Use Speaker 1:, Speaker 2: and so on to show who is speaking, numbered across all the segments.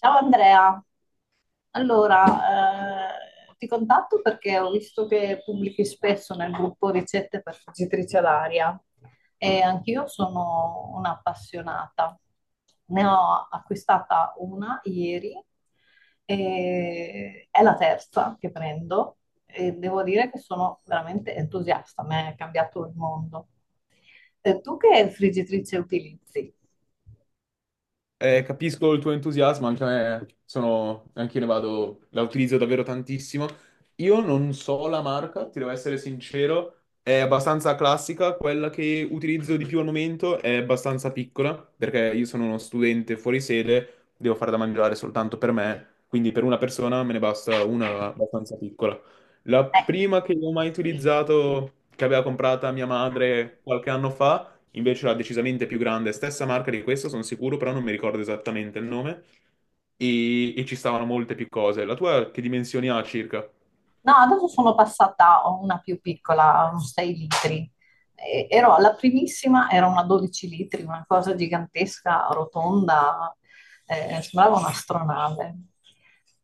Speaker 1: Ciao Andrea, allora ti contatto perché ho visto che pubblichi spesso nel gruppo ricette per friggitrice ad aria e anch'io sono un'appassionata. Ne ho acquistata una ieri e è la terza che prendo e devo dire che sono veramente entusiasta, mi è cambiato il mondo. Tu che friggitrice utilizzi?
Speaker 2: Capisco il tuo entusiasmo, anche a me sono, anche io ne vado, la utilizzo davvero tantissimo. Io non so la marca, ti devo essere sincero, è abbastanza classica, quella che utilizzo di più al momento è abbastanza piccola, perché io sono uno studente fuori sede, devo fare da mangiare soltanto per me, quindi per una persona me ne basta una abbastanza piccola. La
Speaker 1: Eh,
Speaker 2: prima che ho mai
Speaker 1: sì.
Speaker 2: utilizzato, che aveva comprata mia madre qualche anno fa. Invece la decisamente più grande, stessa marca di questa, sono sicuro, però non mi ricordo esattamente il nome. E ci stavano molte più cose. La tua che dimensioni ha circa?
Speaker 1: No, adesso sono passata a una più piccola, un 6 litri. Ero alla primissima, era una 12 litri, una cosa gigantesca, rotonda, sembrava un'astronave.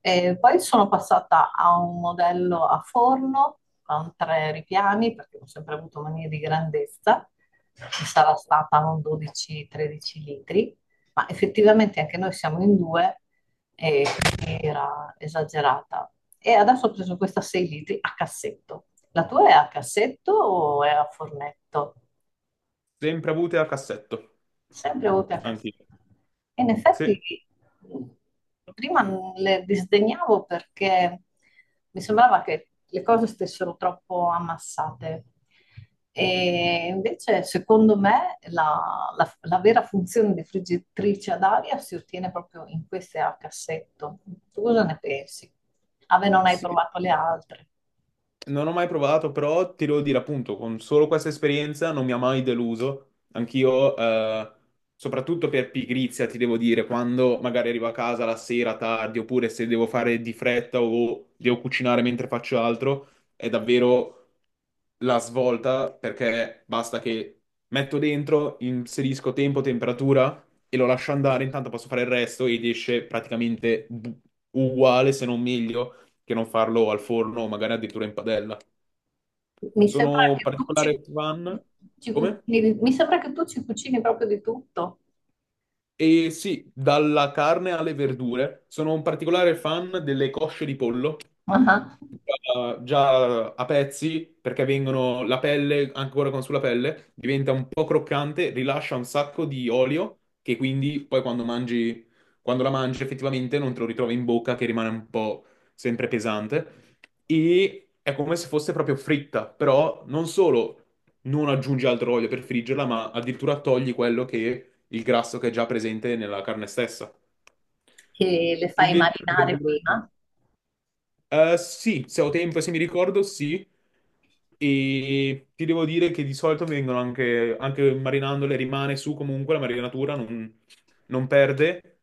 Speaker 1: E poi sono passata a un modello a forno con tre ripiani, perché ho sempre avuto manie di grandezza, che sarà stata un 12-13 litri, ma effettivamente anche noi siamo in due e quindi era esagerata. E adesso ho preso questa 6 litri a cassetto. La tua è a cassetto o è a fornetto?
Speaker 2: Sempre avute a cassetto,
Speaker 1: Sempre oltre a
Speaker 2: anche io.
Speaker 1: Castello. E in effetti
Speaker 2: Sì,
Speaker 1: mh, prima le disdegnavo perché mi sembrava che le cose stessero troppo ammassate. E invece, secondo me, la vera funzione di friggitrice ad aria si ottiene proprio in queste a cassetto. Tu cosa ne pensi? Ave, non hai
Speaker 2: sì.
Speaker 1: provato le altre.
Speaker 2: Non ho mai provato, però ti devo dire, appunto, con solo questa esperienza non mi ha mai deluso. Anch'io, soprattutto per pigrizia, ti devo dire, quando magari arrivo a casa la sera tardi, oppure se devo fare di fretta o devo cucinare mentre faccio altro, è davvero la svolta perché basta che metto dentro, inserisco tempo, temperatura e lo lascio andare, intanto posso fare il resto ed esce praticamente uguale, se non meglio, che non farlo al forno o magari addirittura in padella.
Speaker 1: Mi sembra
Speaker 2: Sono un
Speaker 1: che tu ci,
Speaker 2: particolare fan.
Speaker 1: ci
Speaker 2: Come?
Speaker 1: cucini, mi sembra che tu ci cucini proprio di tutto.
Speaker 2: E sì, dalla carne alle verdure, sono un particolare fan delle cosce di pollo
Speaker 1: Ah, ah.
Speaker 2: già a pezzi perché vengono la pelle, ancora con sulla pelle, diventa un po' croccante, rilascia un sacco di olio che quindi poi quando mangi, quando la mangi effettivamente non te lo ritrovi in bocca che rimane un po' sempre pesante e è come se fosse proprio fritta, però non solo non aggiungi altro olio per friggerla, ma addirittura togli quello che il grasso che è già presente nella carne stessa.
Speaker 1: Che le fai
Speaker 2: Invece le
Speaker 1: marinare
Speaker 2: verdure
Speaker 1: prima.
Speaker 2: sì, se ho tempo, e se mi ricordo, sì. E ti devo dire che di solito vengono anche marinandole, rimane su comunque la marinatura, non perde.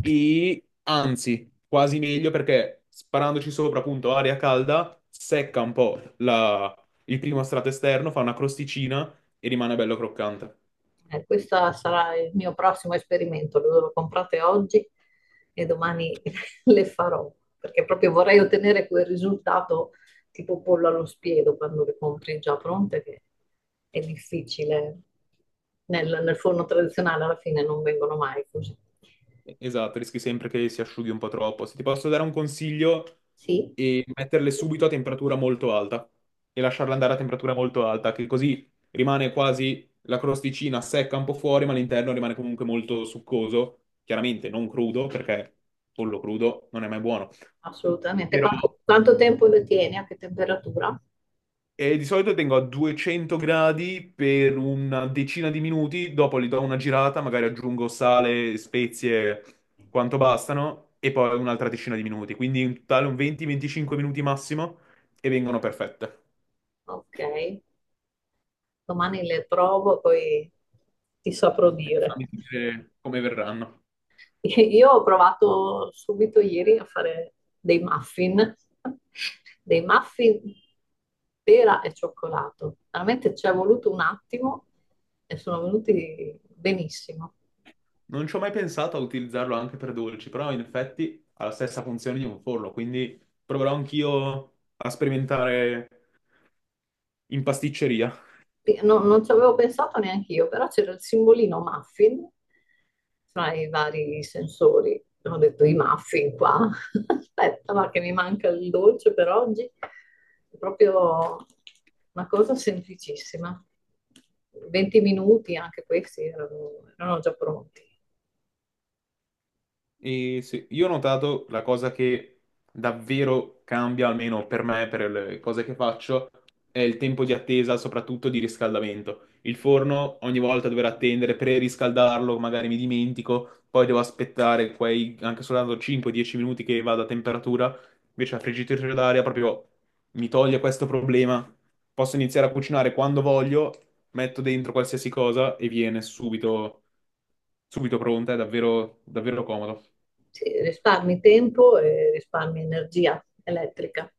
Speaker 2: E anzi, quasi meglio perché sparandoci sopra, appunto, aria calda, secca un po' il primo strato esterno, fa una crosticina e rimane bello croccante.
Speaker 1: Questo sarà il mio prossimo esperimento, lo comprate oggi e domani le farò, perché proprio vorrei ottenere quel risultato tipo pollo allo spiedo quando le compri già pronte, che è difficile. Nel forno tradizionale alla fine non vengono mai così.
Speaker 2: Esatto, rischi sempre che si asciughi un po' troppo. Se ti posso dare un consiglio,
Speaker 1: Sì,
Speaker 2: è metterle subito a temperatura molto alta e lasciarle andare a temperatura molto alta, che così rimane quasi la crosticina secca un po' fuori, ma l'interno rimane comunque molto succoso. Chiaramente non crudo, perché pollo crudo non è mai buono.
Speaker 1: assolutamente.
Speaker 2: Però.
Speaker 1: Quanto tempo le tieni? A che temperatura?
Speaker 2: E di solito tengo a 200 gradi per una decina di minuti, dopo li do una girata, magari aggiungo sale, spezie, quanto bastano, e poi un'altra decina di minuti. Quindi in totale un 20-25 minuti massimo e vengono perfette.
Speaker 1: Ok. Domani le trovo, poi ti saprò dire.
Speaker 2: Fammi vedere come verranno.
Speaker 1: Io ho provato subito ieri a fare dei muffin, dei muffin pera e cioccolato. Veramente ci è voluto un attimo e sono venuti benissimo.
Speaker 2: Non ci ho mai pensato a utilizzarlo anche per dolci, però in effetti ha la stessa funzione di un forno, quindi proverò anch'io a sperimentare in pasticceria.
Speaker 1: Sì, non ci avevo pensato neanche io, però c'era il simbolino muffin fra i vari sensori. Ho detto i muffin qua. Aspetta, ma che mi manca il dolce per oggi. È proprio una cosa semplicissima. 20 minuti, anche questi erano già pronti.
Speaker 2: E sì, io ho notato la cosa che davvero cambia, almeno per me, per le cose che faccio, è il tempo di attesa, soprattutto di riscaldamento. Il forno ogni volta dover attendere per riscaldarlo, magari mi dimentico, poi devo aspettare quei anche soltanto 5-10 minuti che vada a temperatura, invece la friggitrice d'aria proprio mi toglie questo problema. Posso iniziare a cucinare quando voglio, metto dentro qualsiasi cosa e viene subito, subito pronta, è davvero, davvero comodo.
Speaker 1: Sì, risparmi tempo e risparmi energia elettrica.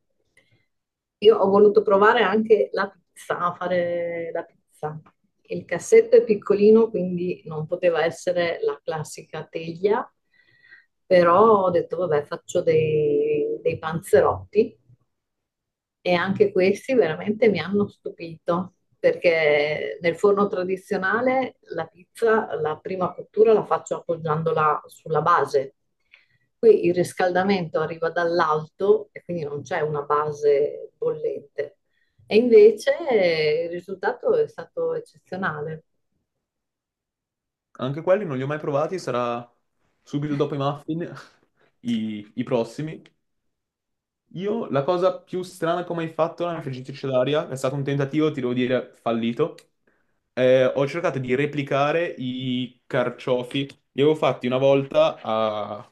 Speaker 1: Io ho voluto provare anche la pizza, a fare la pizza. Il cassetto è piccolino, quindi non poteva essere la classica teglia, però ho detto, vabbè, faccio dei panzerotti e anche questi veramente mi hanno stupito, perché nel forno tradizionale la pizza, la prima cottura la faccio appoggiandola sulla base. Qui il riscaldamento arriva dall'alto e quindi non c'è una base bollente. E invece il risultato è stato eccezionale.
Speaker 2: Anche quelli non li ho mai provati, sarà subito dopo i muffin i prossimi. Io la cosa più strana che ho mai fatto nella friggitrice d'aria è stato un tentativo, ti devo dire, fallito. Ho cercato di replicare i carciofi. Li avevo fatti una volta a-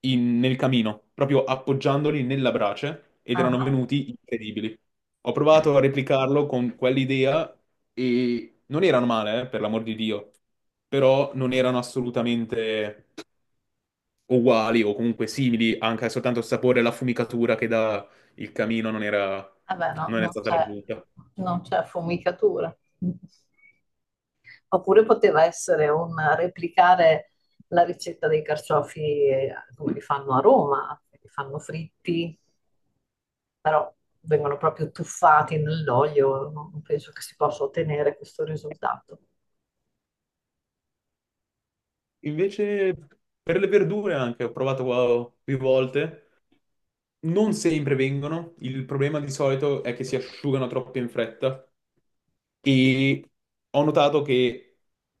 Speaker 2: in- nel camino, proprio appoggiandoli nella brace, ed erano
Speaker 1: Ah,
Speaker 2: venuti incredibili. Ho provato a replicarlo con quell'idea e non erano male, per l'amor di Dio, però non erano assolutamente uguali o comunque simili, anche soltanto il sapore e la fumicatura che dà il camino
Speaker 1: vabbè, no,
Speaker 2: non è
Speaker 1: non
Speaker 2: stata
Speaker 1: c'è
Speaker 2: raggiunta.
Speaker 1: non c'è affumicatura. Oppure poteva essere un replicare la ricetta dei carciofi come li fanno a Roma, li fanno fritti, però vengono proprio tuffati nell'olio, non penso che si possa ottenere questo risultato.
Speaker 2: Invece per le verdure anche, ho provato qua più volte, non sempre vengono, il problema di solito è che si asciugano troppo in fretta. E ho notato che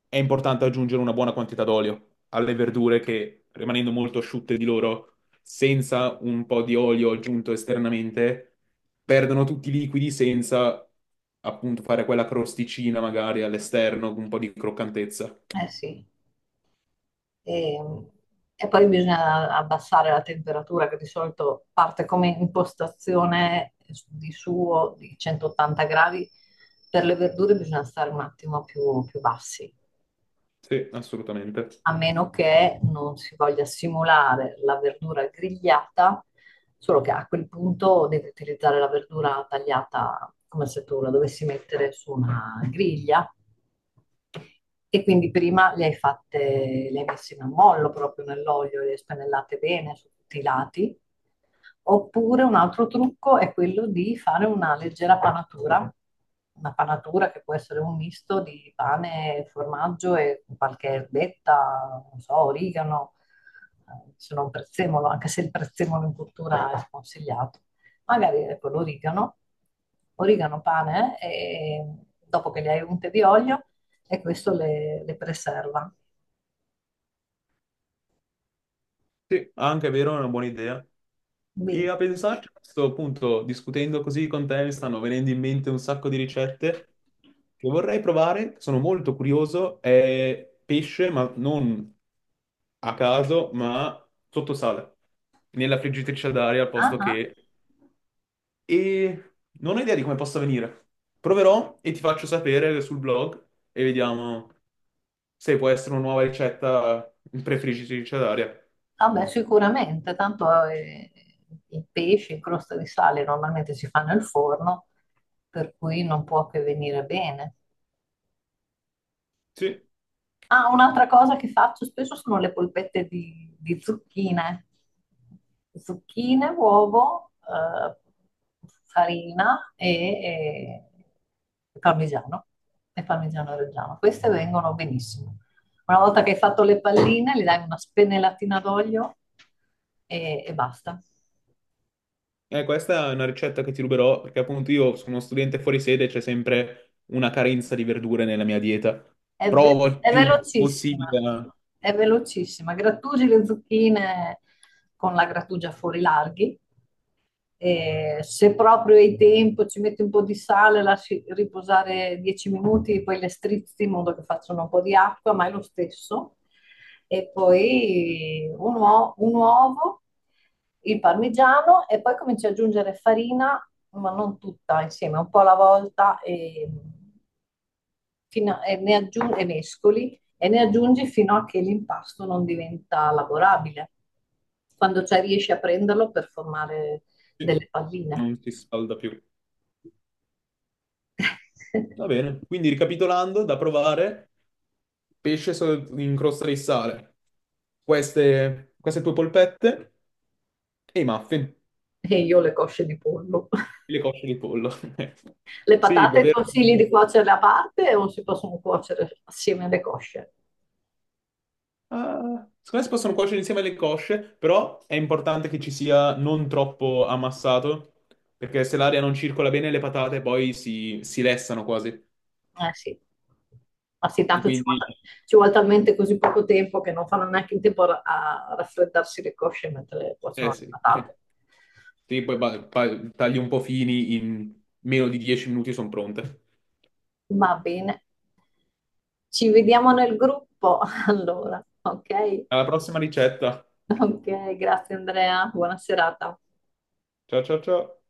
Speaker 2: è importante aggiungere una buona quantità d'olio alle verdure che, rimanendo molto asciutte di loro, senza un po' di olio aggiunto esternamente, perdono tutti i liquidi senza appunto fare quella crosticina magari all'esterno, con un po' di croccantezza.
Speaker 1: Eh sì. E, e poi bisogna abbassare la temperatura che di solito parte come impostazione di suo di 180 gradi. Per le verdure bisogna stare un attimo più bassi,
Speaker 2: Sì, assolutamente.
Speaker 1: a meno che non si voglia simulare la verdura grigliata, solo che a quel punto devi utilizzare la verdura tagliata come se tu la dovessi mettere su una griglia e quindi prima le hai fatte, le hai messe in ammollo proprio nell'olio, le hai spennellate bene su tutti i lati. Oppure un altro trucco è quello di fare una leggera panatura, una panatura che può essere un misto di pane, formaggio e qualche erbetta, non so, origano, se non prezzemolo, anche se il prezzemolo in cultura è sconsigliato. Magari ecco l'origano, origano, pane, e dopo che le hai unte di olio, e questo le preserva.
Speaker 2: Sì, ah, anche è vero, è una buona idea. E
Speaker 1: Quindi,
Speaker 2: a pensarci, a questo punto, discutendo così con te, mi stanno venendo in mente un sacco di ricette che vorrei provare, che sono molto curioso, è pesce, ma non a caso, ma sotto sale, nella friggitrice d'aria al
Speaker 1: ah,
Speaker 2: posto
Speaker 1: ah.
Speaker 2: che. E non ho idea di come possa venire. Proverò e ti faccio sapere sul blog e vediamo se può essere una nuova ricetta in friggitrice d'aria.
Speaker 1: Vabbè, sicuramente, tanto i pesci in crosta di sale normalmente si fanno al forno, per cui non può che venire bene.
Speaker 2: Sì.
Speaker 1: Ah, un'altra cosa che faccio spesso sono le polpette di zucchine. Zucchine, uovo, farina e parmigiano. E parmigiano reggiano. Queste vengono benissimo. Una volta che hai fatto le palline, gli dai una spennellatina d'olio e basta.
Speaker 2: Questa è una ricetta che ti ruberò perché appunto io sono uno studente fuori sede e c'è sempre una carenza di verdure nella mia dieta. Provo il
Speaker 1: È
Speaker 2: più
Speaker 1: velocissima,
Speaker 2: possibile,
Speaker 1: è velocissima. Grattugi le zucchine con la grattugia fuori larghi. E se proprio hai tempo, ci metti un po' di sale, lasci riposare 10 minuti, poi le strizzi in modo che facciano un po' di acqua, ma è lo stesso. E poi un uovo, il parmigiano e poi cominci ad aggiungere farina, ma non tutta insieme, un po' alla volta e, e ne aggiungi, e mescoli e ne aggiungi fino a che l'impasto non diventa lavorabile. Quando c'è riesci a prenderlo per formare
Speaker 2: sì,
Speaker 1: delle palline.
Speaker 2: non si scalda più. Va bene, quindi ricapitolando, da provare, pesce in crosta di sale, queste tue polpette e i muffin,
Speaker 1: E io le cosce di pollo.
Speaker 2: le cosce di pollo.
Speaker 1: Le
Speaker 2: Sì,
Speaker 1: patate
Speaker 2: davvero.
Speaker 1: consigli di cuocerle a parte o si possono cuocere assieme alle cosce?
Speaker 2: Ah, secondo me si possono cuocere insieme alle cosce, però è importante che ci sia non troppo ammassato, perché se l'aria non circola bene le patate poi si lessano quasi.
Speaker 1: Eh sì, ma sì,
Speaker 2: E
Speaker 1: tanto
Speaker 2: quindi,
Speaker 1: ci vuole talmente così poco tempo che non fanno neanche in tempo a raffreddarsi le cosce mentre cuociono
Speaker 2: eh
Speaker 1: le
Speaker 2: sì,
Speaker 1: patate.
Speaker 2: sì, poi tagli un po' fini, in meno di 10 minuti sono pronte.
Speaker 1: Va bene, ci vediamo nel gruppo allora, ok?
Speaker 2: Alla prossima ricetta.
Speaker 1: Ok, grazie Andrea, buona serata.
Speaker 2: Ciao ciao ciao.